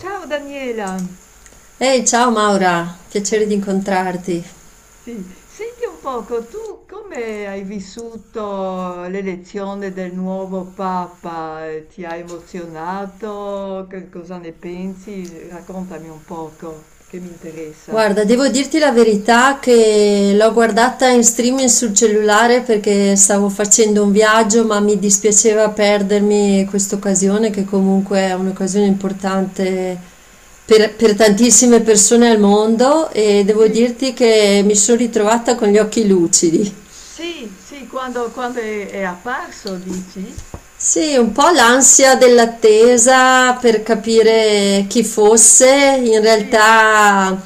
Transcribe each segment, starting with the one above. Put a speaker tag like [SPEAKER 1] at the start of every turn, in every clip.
[SPEAKER 1] Ciao Daniela,
[SPEAKER 2] Ehi, ciao Maura, piacere di incontrarti.
[SPEAKER 1] sì, senti un poco, tu come hai vissuto l'elezione del nuovo Papa? Ti ha emozionato? Che cosa ne pensi? Raccontami un poco, che mi interessa.
[SPEAKER 2] Guarda, devo dirti la verità che l'ho guardata in streaming sul cellulare perché stavo facendo un viaggio, ma mi dispiaceva perdermi questa occasione, che comunque è un'occasione importante per tantissime persone al mondo, e devo
[SPEAKER 1] Sì,
[SPEAKER 2] dirti che mi sono ritrovata con gli occhi lucidi.
[SPEAKER 1] sì, sì, quando è apparso, dici?
[SPEAKER 2] Sì, un po' l'ansia dell'attesa per
[SPEAKER 1] Sì,
[SPEAKER 2] capire chi fosse, in
[SPEAKER 1] sì,
[SPEAKER 2] realtà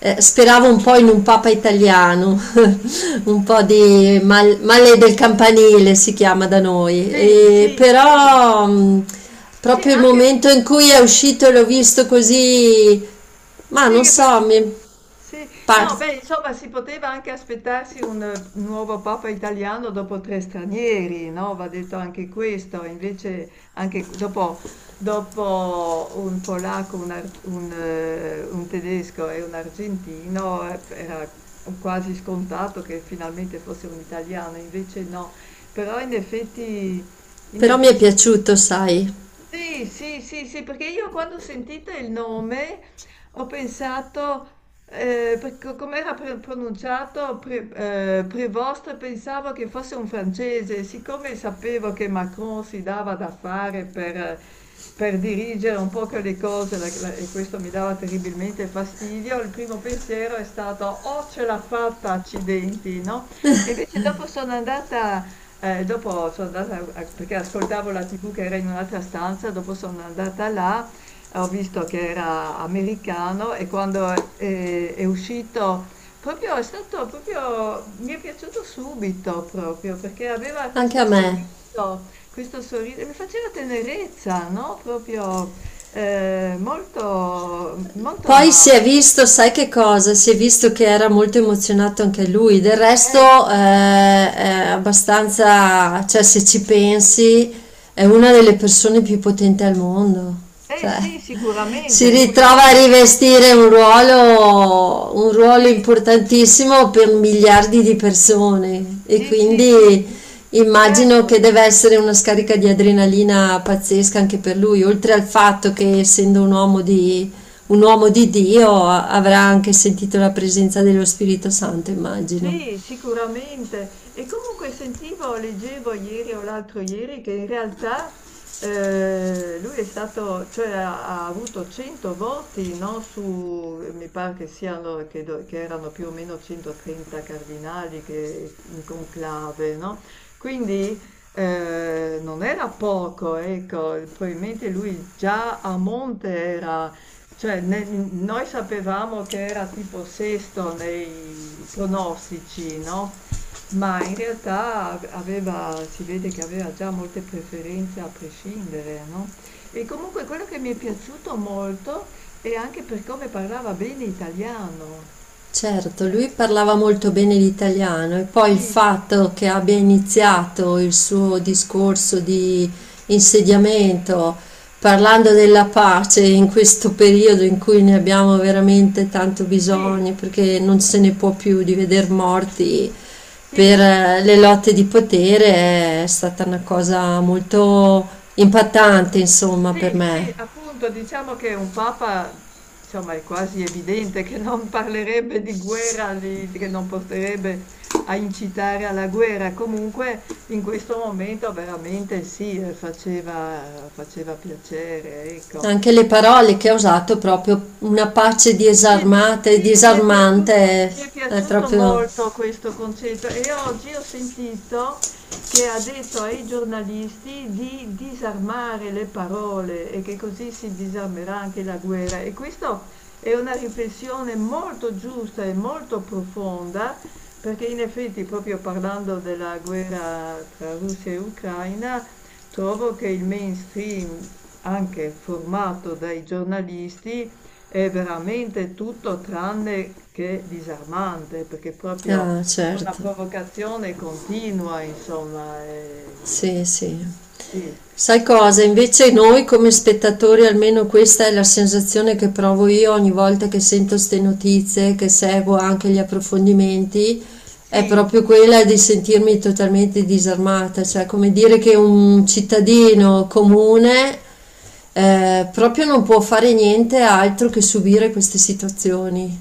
[SPEAKER 2] speravo un po' in un papa italiano, un po' di male del campanile si chiama da noi,
[SPEAKER 1] sì,
[SPEAKER 2] e
[SPEAKER 1] sì, sì,
[SPEAKER 2] però
[SPEAKER 1] sì,
[SPEAKER 2] proprio il
[SPEAKER 1] anche,
[SPEAKER 2] momento in cui è uscito e l'ho visto così, ma
[SPEAKER 1] sì,
[SPEAKER 2] non so,
[SPEAKER 1] Sì,
[SPEAKER 2] par-
[SPEAKER 1] no, beh, insomma, si poteva anche aspettarsi un nuovo papa italiano dopo tre stranieri, no? Va detto anche questo, invece anche dopo, dopo un polacco, un tedesco e un argentino era quasi scontato che finalmente fosse un italiano, invece no. Però in
[SPEAKER 2] però mi è
[SPEAKER 1] effetti
[SPEAKER 2] piaciuto, sai,
[SPEAKER 1] sì, sì, sì, sì, perché io quando ho sentito il nome ho pensato, come era pronunciato Prevost, pensavo che fosse un francese, siccome sapevo che Macron si dava da fare per dirigere un po' che le cose e questo mi dava terribilmente fastidio, il primo pensiero è stato, oh, ce l'ha fatta, accidenti, no? E invece dopo sono andata perché ascoltavo la TV che era in un'altra stanza, dopo sono andata là, ho visto che era americano e quando è uscito, proprio, è stato proprio, mi è piaciuto subito proprio, perché aveva
[SPEAKER 2] anche a me.
[SPEAKER 1] questo sorriso, mi faceva tenerezza, no? Proprio molto, molto
[SPEAKER 2] Poi si
[SPEAKER 1] amato.
[SPEAKER 2] è visto, sai che cosa? Si è visto che era molto emozionato anche lui. Del resto,
[SPEAKER 1] Eh sì,
[SPEAKER 2] è abbastanza, cioè, se ci pensi, è una delle persone più potenti al mondo. Cioè,
[SPEAKER 1] sì,
[SPEAKER 2] si
[SPEAKER 1] sicuramente, lui non...
[SPEAKER 2] ritrova a rivestire un ruolo
[SPEAKER 1] sì,
[SPEAKER 2] importantissimo per miliardi di persone e
[SPEAKER 1] sì, sì,
[SPEAKER 2] quindi
[SPEAKER 1] sì,
[SPEAKER 2] immagino
[SPEAKER 1] certo.
[SPEAKER 2] che deve essere una scarica di adrenalina pazzesca anche per lui, oltre al fatto che essendo un uomo di Dio avrà anche sentito la presenza dello Spirito Santo, immagino.
[SPEAKER 1] Sì, sicuramente. E comunque sentivo, leggevo ieri o l'altro ieri che in realtà lui è stato, cioè ha avuto 100 voti, no, su, mi pare che siano, che erano più o meno 130 cardinali che, in conclave, no? Quindi non era poco, ecco, probabilmente lui già a monte era. Cioè ne n noi sapevamo che era tipo sesto nei pronostici, no, ma in realtà aveva, si vede che aveva già molte preferenze a prescindere, no, e comunque quello che mi è piaciuto molto è anche per come parlava bene italiano.
[SPEAKER 2] Certo, lui
[SPEAKER 1] Eh,
[SPEAKER 2] parlava molto bene l'italiano e poi il
[SPEAKER 1] sì,
[SPEAKER 2] fatto che abbia iniziato il suo discorso di insediamento parlando della pace in questo periodo in cui ne abbiamo veramente tanto
[SPEAKER 1] sì,
[SPEAKER 2] bisogno, perché non se ne può più di veder morti per
[SPEAKER 1] sì.
[SPEAKER 2] le lotte di potere, è stata una cosa molto impattante, insomma, per
[SPEAKER 1] Sì, sì,
[SPEAKER 2] me.
[SPEAKER 1] appunto, diciamo che un papa, insomma, è quasi evidente che non parlerebbe di guerra, che non porterebbe a incitare alla guerra. Comunque, in questo momento veramente sì, faceva, faceva piacere, ecco.
[SPEAKER 2] Anche le parole che ha usato, proprio una pace disarmata e disarmante,
[SPEAKER 1] Mi è
[SPEAKER 2] è
[SPEAKER 1] piaciuto
[SPEAKER 2] proprio...
[SPEAKER 1] molto questo concetto e oggi ho sentito che ha detto ai giornalisti di disarmare le parole e che così si disarmerà anche la guerra. E questa è una riflessione molto giusta e molto profonda, perché in effetti, proprio parlando della guerra tra Russia e Ucraina, trovo che il mainstream, anche formato dai giornalisti, è veramente tutto tranne che disarmante, perché proprio
[SPEAKER 2] Ah,
[SPEAKER 1] è una
[SPEAKER 2] certo,
[SPEAKER 1] provocazione continua, insomma. È-
[SPEAKER 2] sì, sì.
[SPEAKER 1] Sì.
[SPEAKER 2] Sai cosa?
[SPEAKER 1] Eh,
[SPEAKER 2] Invece noi come spettatori, almeno questa è la sensazione che provo io ogni volta che sento ste notizie, che seguo anche gli approfondimenti, è
[SPEAKER 1] sì,
[SPEAKER 2] proprio quella di sentirmi totalmente disarmata, cioè come dire che un cittadino comune proprio non può fare niente altro che subire queste situazioni.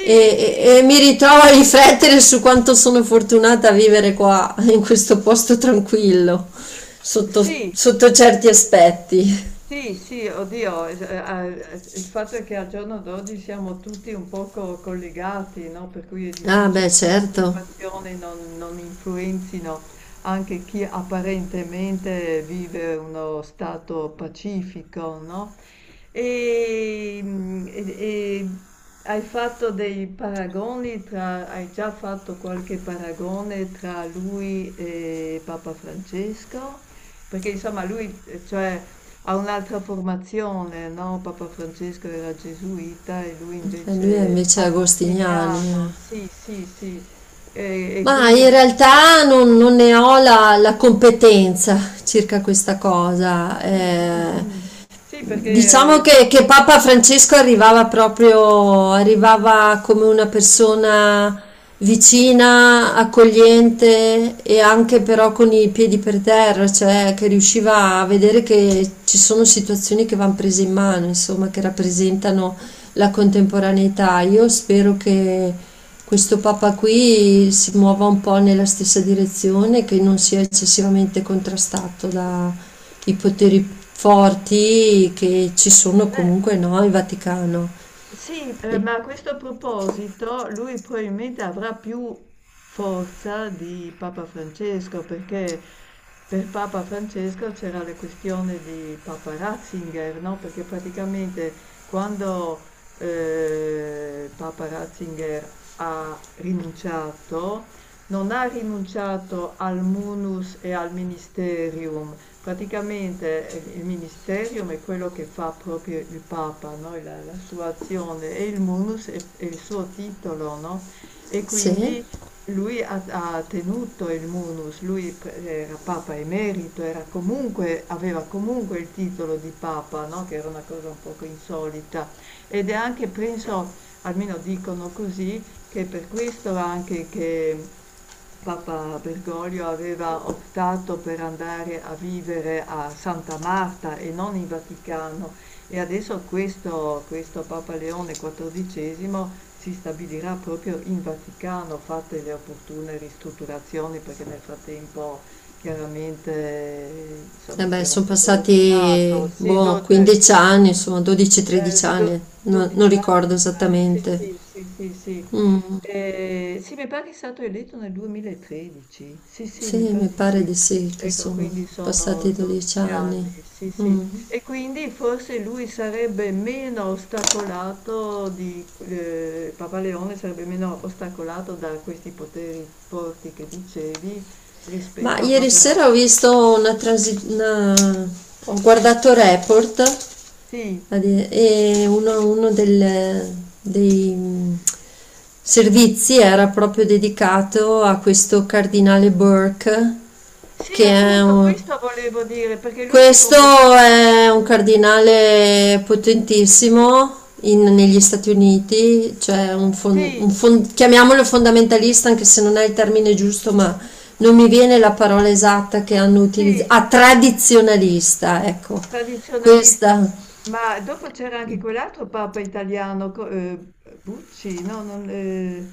[SPEAKER 2] E,
[SPEAKER 1] sì,
[SPEAKER 2] e mi
[SPEAKER 1] sì,
[SPEAKER 2] ritrovo a riflettere su quanto sono fortunata a vivere qua, in questo posto tranquillo, sotto,
[SPEAKER 1] sì,
[SPEAKER 2] sotto certi aspetti.
[SPEAKER 1] sì, sì, oddio, il fatto è che al giorno d'oggi siamo tutti un poco collegati, no? Per cui è
[SPEAKER 2] Ah, beh,
[SPEAKER 1] difficile che le
[SPEAKER 2] certo,
[SPEAKER 1] situazioni non influenzino anche chi apparentemente vive uno stato pacifico, no? E, mm, e- e hai fatto dei paragoni tra, hai già fatto qualche paragone tra lui e Papa Francesco? Perché insomma lui, cioè... Ha un'altra formazione, no? Papa Francesco era gesuita e lui
[SPEAKER 2] e lui è
[SPEAKER 1] invece
[SPEAKER 2] invece agostiniani.
[SPEAKER 1] agostiniano, sì, sì, sì. E
[SPEAKER 2] Ma in
[SPEAKER 1] quindi...
[SPEAKER 2] realtà non ne ho la competenza circa questa cosa.
[SPEAKER 1] Mm, mm, mm. Sì,
[SPEAKER 2] Diciamo
[SPEAKER 1] perché...
[SPEAKER 2] che Papa Francesco arrivava come una persona vicina, accogliente e anche però con i piedi per terra, cioè che riusciva a vedere che ci sono situazioni che vanno prese in mano, insomma, che rappresentano la contemporaneità. Io spero che questo Papa qui si muova un po' nella stessa direzione, che non sia eccessivamente contrastato da i poteri forti che ci sono
[SPEAKER 1] eh,
[SPEAKER 2] comunque no, in Vaticano.
[SPEAKER 1] Sì,
[SPEAKER 2] E-
[SPEAKER 1] ma a questo proposito lui probabilmente avrà più forza di Papa Francesco, perché per Papa Francesco c'era la questione di Papa Ratzinger, no? Perché praticamente quando Papa Ratzinger ha rinunciato, non ha rinunciato al munus e al ministerium. Praticamente il ministerium è quello che fa proprio il Papa, no? La sua azione, e il munus è il suo titolo, no? E
[SPEAKER 2] Sì,
[SPEAKER 1] quindi lui ha, ha tenuto il munus, era Papa emerito, era comunque, aveva comunque il titolo di Papa, no? Che era una cosa un poco insolita. Ed è anche, penso, almeno dicono così, che per questo anche che Papa Bergoglio aveva optato per andare a vivere a Santa Marta e non in Vaticano, e adesso questo, questo Papa Leone XIV si stabilirà proprio in Vaticano, fatte le opportune ristrutturazioni, perché nel frattempo chiaramente
[SPEAKER 2] eh
[SPEAKER 1] insomma, si
[SPEAKER 2] beh,
[SPEAKER 1] era un
[SPEAKER 2] sono
[SPEAKER 1] po' rovinato.
[SPEAKER 2] passati
[SPEAKER 1] Sì,
[SPEAKER 2] boh,
[SPEAKER 1] do-
[SPEAKER 2] 15 anni, insomma 12-13
[SPEAKER 1] Do
[SPEAKER 2] anni, non
[SPEAKER 1] 12 anni
[SPEAKER 2] ricordo
[SPEAKER 1] mi pare. Sì,
[SPEAKER 2] esattamente.
[SPEAKER 1] sì, sì, sì, sì.
[SPEAKER 2] Mm,
[SPEAKER 1] Sì, mi pare che è stato eletto nel 2013. Sì, sì, mi
[SPEAKER 2] sì,
[SPEAKER 1] pare
[SPEAKER 2] mi
[SPEAKER 1] di
[SPEAKER 2] pare
[SPEAKER 1] sì.
[SPEAKER 2] di sì che
[SPEAKER 1] Ecco,
[SPEAKER 2] sono
[SPEAKER 1] quindi sono
[SPEAKER 2] passati 12
[SPEAKER 1] 12
[SPEAKER 2] anni.
[SPEAKER 1] anni, sì, sì.
[SPEAKER 2] Mm.
[SPEAKER 1] E quindi forse lui sarebbe meno ostacolato di, Papa Leone sarebbe meno ostacolato da questi poteri forti che dicevi
[SPEAKER 2] Ma
[SPEAKER 1] rispetto a
[SPEAKER 2] ieri sera ho
[SPEAKER 1] Paparazzi.
[SPEAKER 2] visto una transi- una- ho guardato Report.
[SPEAKER 1] Sì,
[SPEAKER 2] E uno dei servizi era proprio dedicato a questo cardinale Burke,
[SPEAKER 1] sì,
[SPEAKER 2] che è
[SPEAKER 1] appunto
[SPEAKER 2] un,
[SPEAKER 1] questo volevo dire, perché lui si è
[SPEAKER 2] questo
[SPEAKER 1] comportato...
[SPEAKER 2] è un cardinale potentissimo negli Stati Uniti, cioè chiamiamolo fondamentalista, anche se non è il termine giusto, ma non mi viene la parola esatta che hanno
[SPEAKER 1] Sì,
[SPEAKER 2] utilizzato. Ah, tradizionalista, ecco,
[SPEAKER 1] tradizionalista,
[SPEAKER 2] questa.
[SPEAKER 1] ma dopo c'era anche quell'altro papa italiano, Bucci, no, non,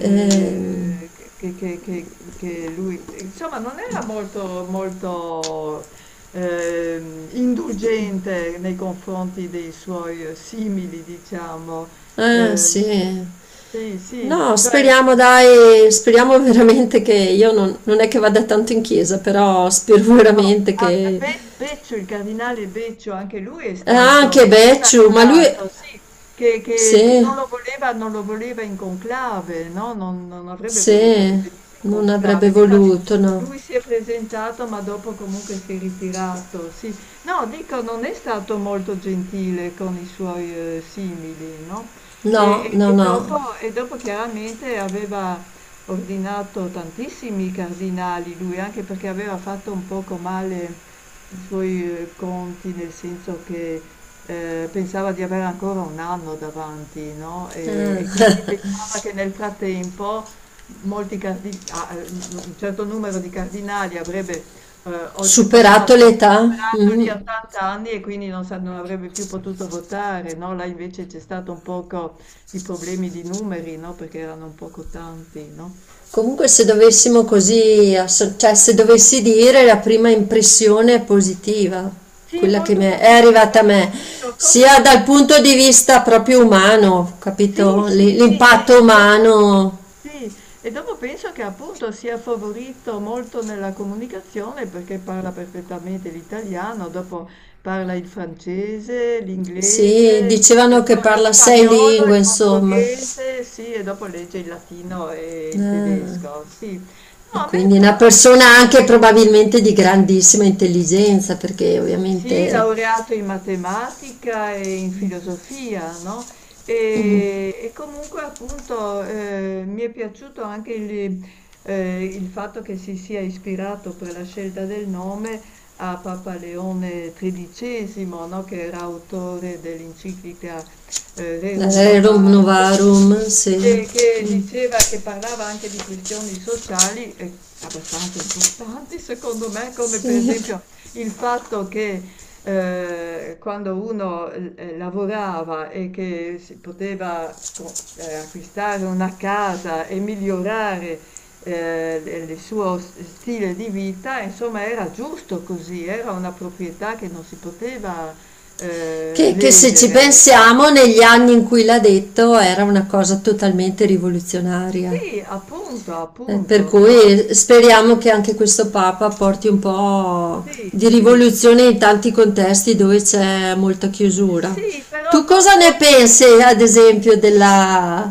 [SPEAKER 2] Ehm,
[SPEAKER 1] che lui, insomma, non era molto, molto indulgente nei confronti dei suoi simili, diciamo.
[SPEAKER 2] eh
[SPEAKER 1] Eh,
[SPEAKER 2] sì.
[SPEAKER 1] sì, sì,
[SPEAKER 2] No,
[SPEAKER 1] cioè...
[SPEAKER 2] speriamo dai, speriamo veramente che io non, non è che vada tanto in chiesa, però spero
[SPEAKER 1] No,
[SPEAKER 2] veramente
[SPEAKER 1] ah,
[SPEAKER 2] che...
[SPEAKER 1] Be Beccio, il cardinale Beccio, anche lui è stato
[SPEAKER 2] Anche Becciu, ma lui...
[SPEAKER 1] ostacolato, sì, che
[SPEAKER 2] Sì,
[SPEAKER 1] non lo voleva, non lo voleva in conclave, no? Non, non avrebbe voluto che
[SPEAKER 2] sì,
[SPEAKER 1] venisse in
[SPEAKER 2] non
[SPEAKER 1] conclave.
[SPEAKER 2] avrebbe
[SPEAKER 1] Difatti
[SPEAKER 2] voluto, no.
[SPEAKER 1] lui si è presentato, ma dopo comunque si è ritirato, sì. No, dico, non è stato molto gentile con i suoi simili, no?
[SPEAKER 2] No,
[SPEAKER 1] E,
[SPEAKER 2] no, no.
[SPEAKER 1] e dopo chiaramente aveva ordinato tantissimi cardinali lui, anche perché aveva fatto un poco male i suoi conti, nel senso che pensava di avere ancora un anno davanti, no? E
[SPEAKER 2] Eh,
[SPEAKER 1] quindi pensava che nel frattempo un certo numero di cardinali avrebbe
[SPEAKER 2] superato
[SPEAKER 1] oltrepassato,
[SPEAKER 2] l'età.
[SPEAKER 1] superato gli
[SPEAKER 2] Mm.
[SPEAKER 1] 80 anni e quindi non avrebbe più potuto votare, no? Là invece c'è stato un poco di problemi di numeri, no? Perché erano un poco tanti, no?
[SPEAKER 2] Comunque se dovessimo cioè se dovessi dire la prima impressione è positiva,
[SPEAKER 1] Sì,
[SPEAKER 2] quella che
[SPEAKER 1] molto
[SPEAKER 2] mi è
[SPEAKER 1] positiva.
[SPEAKER 2] arrivata a
[SPEAKER 1] Io
[SPEAKER 2] me,
[SPEAKER 1] ti dico, come
[SPEAKER 2] sia
[SPEAKER 1] l'ho
[SPEAKER 2] dal
[SPEAKER 1] vista?
[SPEAKER 2] punto di vista proprio umano,
[SPEAKER 1] Sì,
[SPEAKER 2] capito?
[SPEAKER 1] sì, sì,
[SPEAKER 2] L'impatto
[SPEAKER 1] e dopo,
[SPEAKER 2] umano,
[SPEAKER 1] sì, e dopo penso che appunto sia favorito molto nella comunicazione perché parla perfettamente l'italiano, dopo parla il francese,
[SPEAKER 2] sì,
[SPEAKER 1] l'inglese,
[SPEAKER 2] dicevano che
[SPEAKER 1] lo
[SPEAKER 2] parla sei
[SPEAKER 1] spagnolo, il
[SPEAKER 2] lingue, insomma.
[SPEAKER 1] portoghese, sì, e dopo legge il latino e il
[SPEAKER 2] Ah,
[SPEAKER 1] tedesco, sì. No,
[SPEAKER 2] e
[SPEAKER 1] a me
[SPEAKER 2] quindi
[SPEAKER 1] però,
[SPEAKER 2] una
[SPEAKER 1] ti
[SPEAKER 2] persona
[SPEAKER 1] dico,
[SPEAKER 2] anche probabilmente di grandissima intelligenza, perché
[SPEAKER 1] sì,
[SPEAKER 2] ovviamente
[SPEAKER 1] laureato in matematica e in filosofia, no? E comunque appunto mi è piaciuto anche il fatto che si sia ispirato per la scelta del nome a Papa Leone XIII, no? Che era autore dell'enciclica Rerum
[SPEAKER 2] rerum
[SPEAKER 1] Novarum, sì,
[SPEAKER 2] novarum, sì.
[SPEAKER 1] che
[SPEAKER 2] Mm,
[SPEAKER 1] diceva, che parlava anche di questioni sociali abbastanza importanti, secondo me, come per
[SPEAKER 2] sì.
[SPEAKER 1] esempio il fatto che quando uno lavorava e che si poteva acquistare una casa e migliorare il suo stile di vita, insomma, era giusto così, era una proprietà che non si poteva
[SPEAKER 2] Che se ci
[SPEAKER 1] ledere, ecco.
[SPEAKER 2] pensiamo, negli anni in cui l'ha detto era una cosa totalmente rivoluzionaria.
[SPEAKER 1] Sì, appunto,
[SPEAKER 2] Per
[SPEAKER 1] appunto, no?
[SPEAKER 2] cui speriamo che anche questo Papa porti un po'
[SPEAKER 1] Sì,
[SPEAKER 2] di
[SPEAKER 1] sì,
[SPEAKER 2] rivoluzione in tanti contesti dove c'è molta chiusura.
[SPEAKER 1] sì, però
[SPEAKER 2] Tu
[SPEAKER 1] non
[SPEAKER 2] cosa ne
[SPEAKER 1] troppo.
[SPEAKER 2] pensi, ad esempio, della,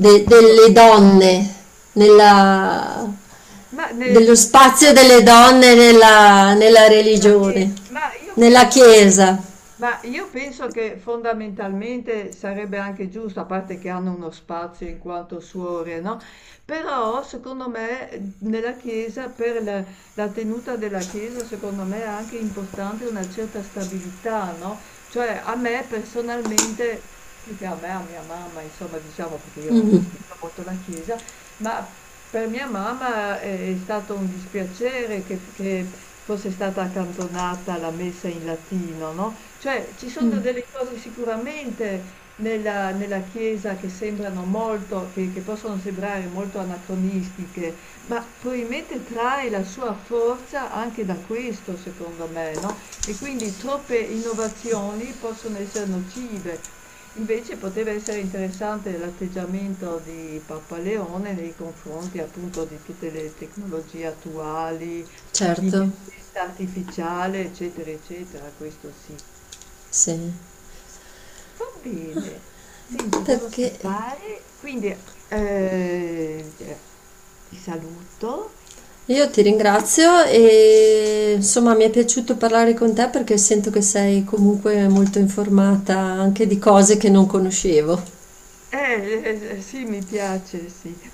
[SPEAKER 1] Dico,
[SPEAKER 2] delle donne, nella,
[SPEAKER 1] ma
[SPEAKER 2] dello
[SPEAKER 1] delle
[SPEAKER 2] spazio delle
[SPEAKER 1] donne.
[SPEAKER 2] donne nella, nella
[SPEAKER 1] Nella chiesa,
[SPEAKER 2] religione,
[SPEAKER 1] ma io
[SPEAKER 2] nella
[SPEAKER 1] penso che
[SPEAKER 2] Chiesa?
[SPEAKER 1] ma io penso che fondamentalmente sarebbe anche giusto, a parte che hanno uno spazio in quanto suore, no, però secondo me nella chiesa, la tenuta della chiesa, secondo me è anche importante una certa stabilità, no? Cioè a me personalmente, più che a me, a mia mamma, insomma, diciamo perché io non
[SPEAKER 2] Mm.
[SPEAKER 1] frequento molto la chiesa, ma... Per mia mamma è stato un dispiacere che fosse stata accantonata la messa in latino, no, cioè ci sono
[SPEAKER 2] Mm.
[SPEAKER 1] delle cose sicuramente nella Chiesa che sembrano molto che possono sembrare molto anacronistiche, ma probabilmente trae la sua forza anche da questo secondo me, no, e quindi troppe innovazioni possono essere nocive. Invece poteva essere interessante l'atteggiamento di Papa Leone nei confronti appunto di tutte le tecnologie attuali,
[SPEAKER 2] Certo,
[SPEAKER 1] l'intelligenza artificiale, eccetera, eccetera, questo sì.
[SPEAKER 2] sì,
[SPEAKER 1] Va bene. Senti, devo
[SPEAKER 2] perché
[SPEAKER 1] scappare, quindi eh, cioè, ti saluto.
[SPEAKER 2] io ti ringrazio e insomma mi è piaciuto parlare con te perché sento che sei comunque molto informata anche di cose che non conoscevo.
[SPEAKER 1] Sì, mi piace, sì.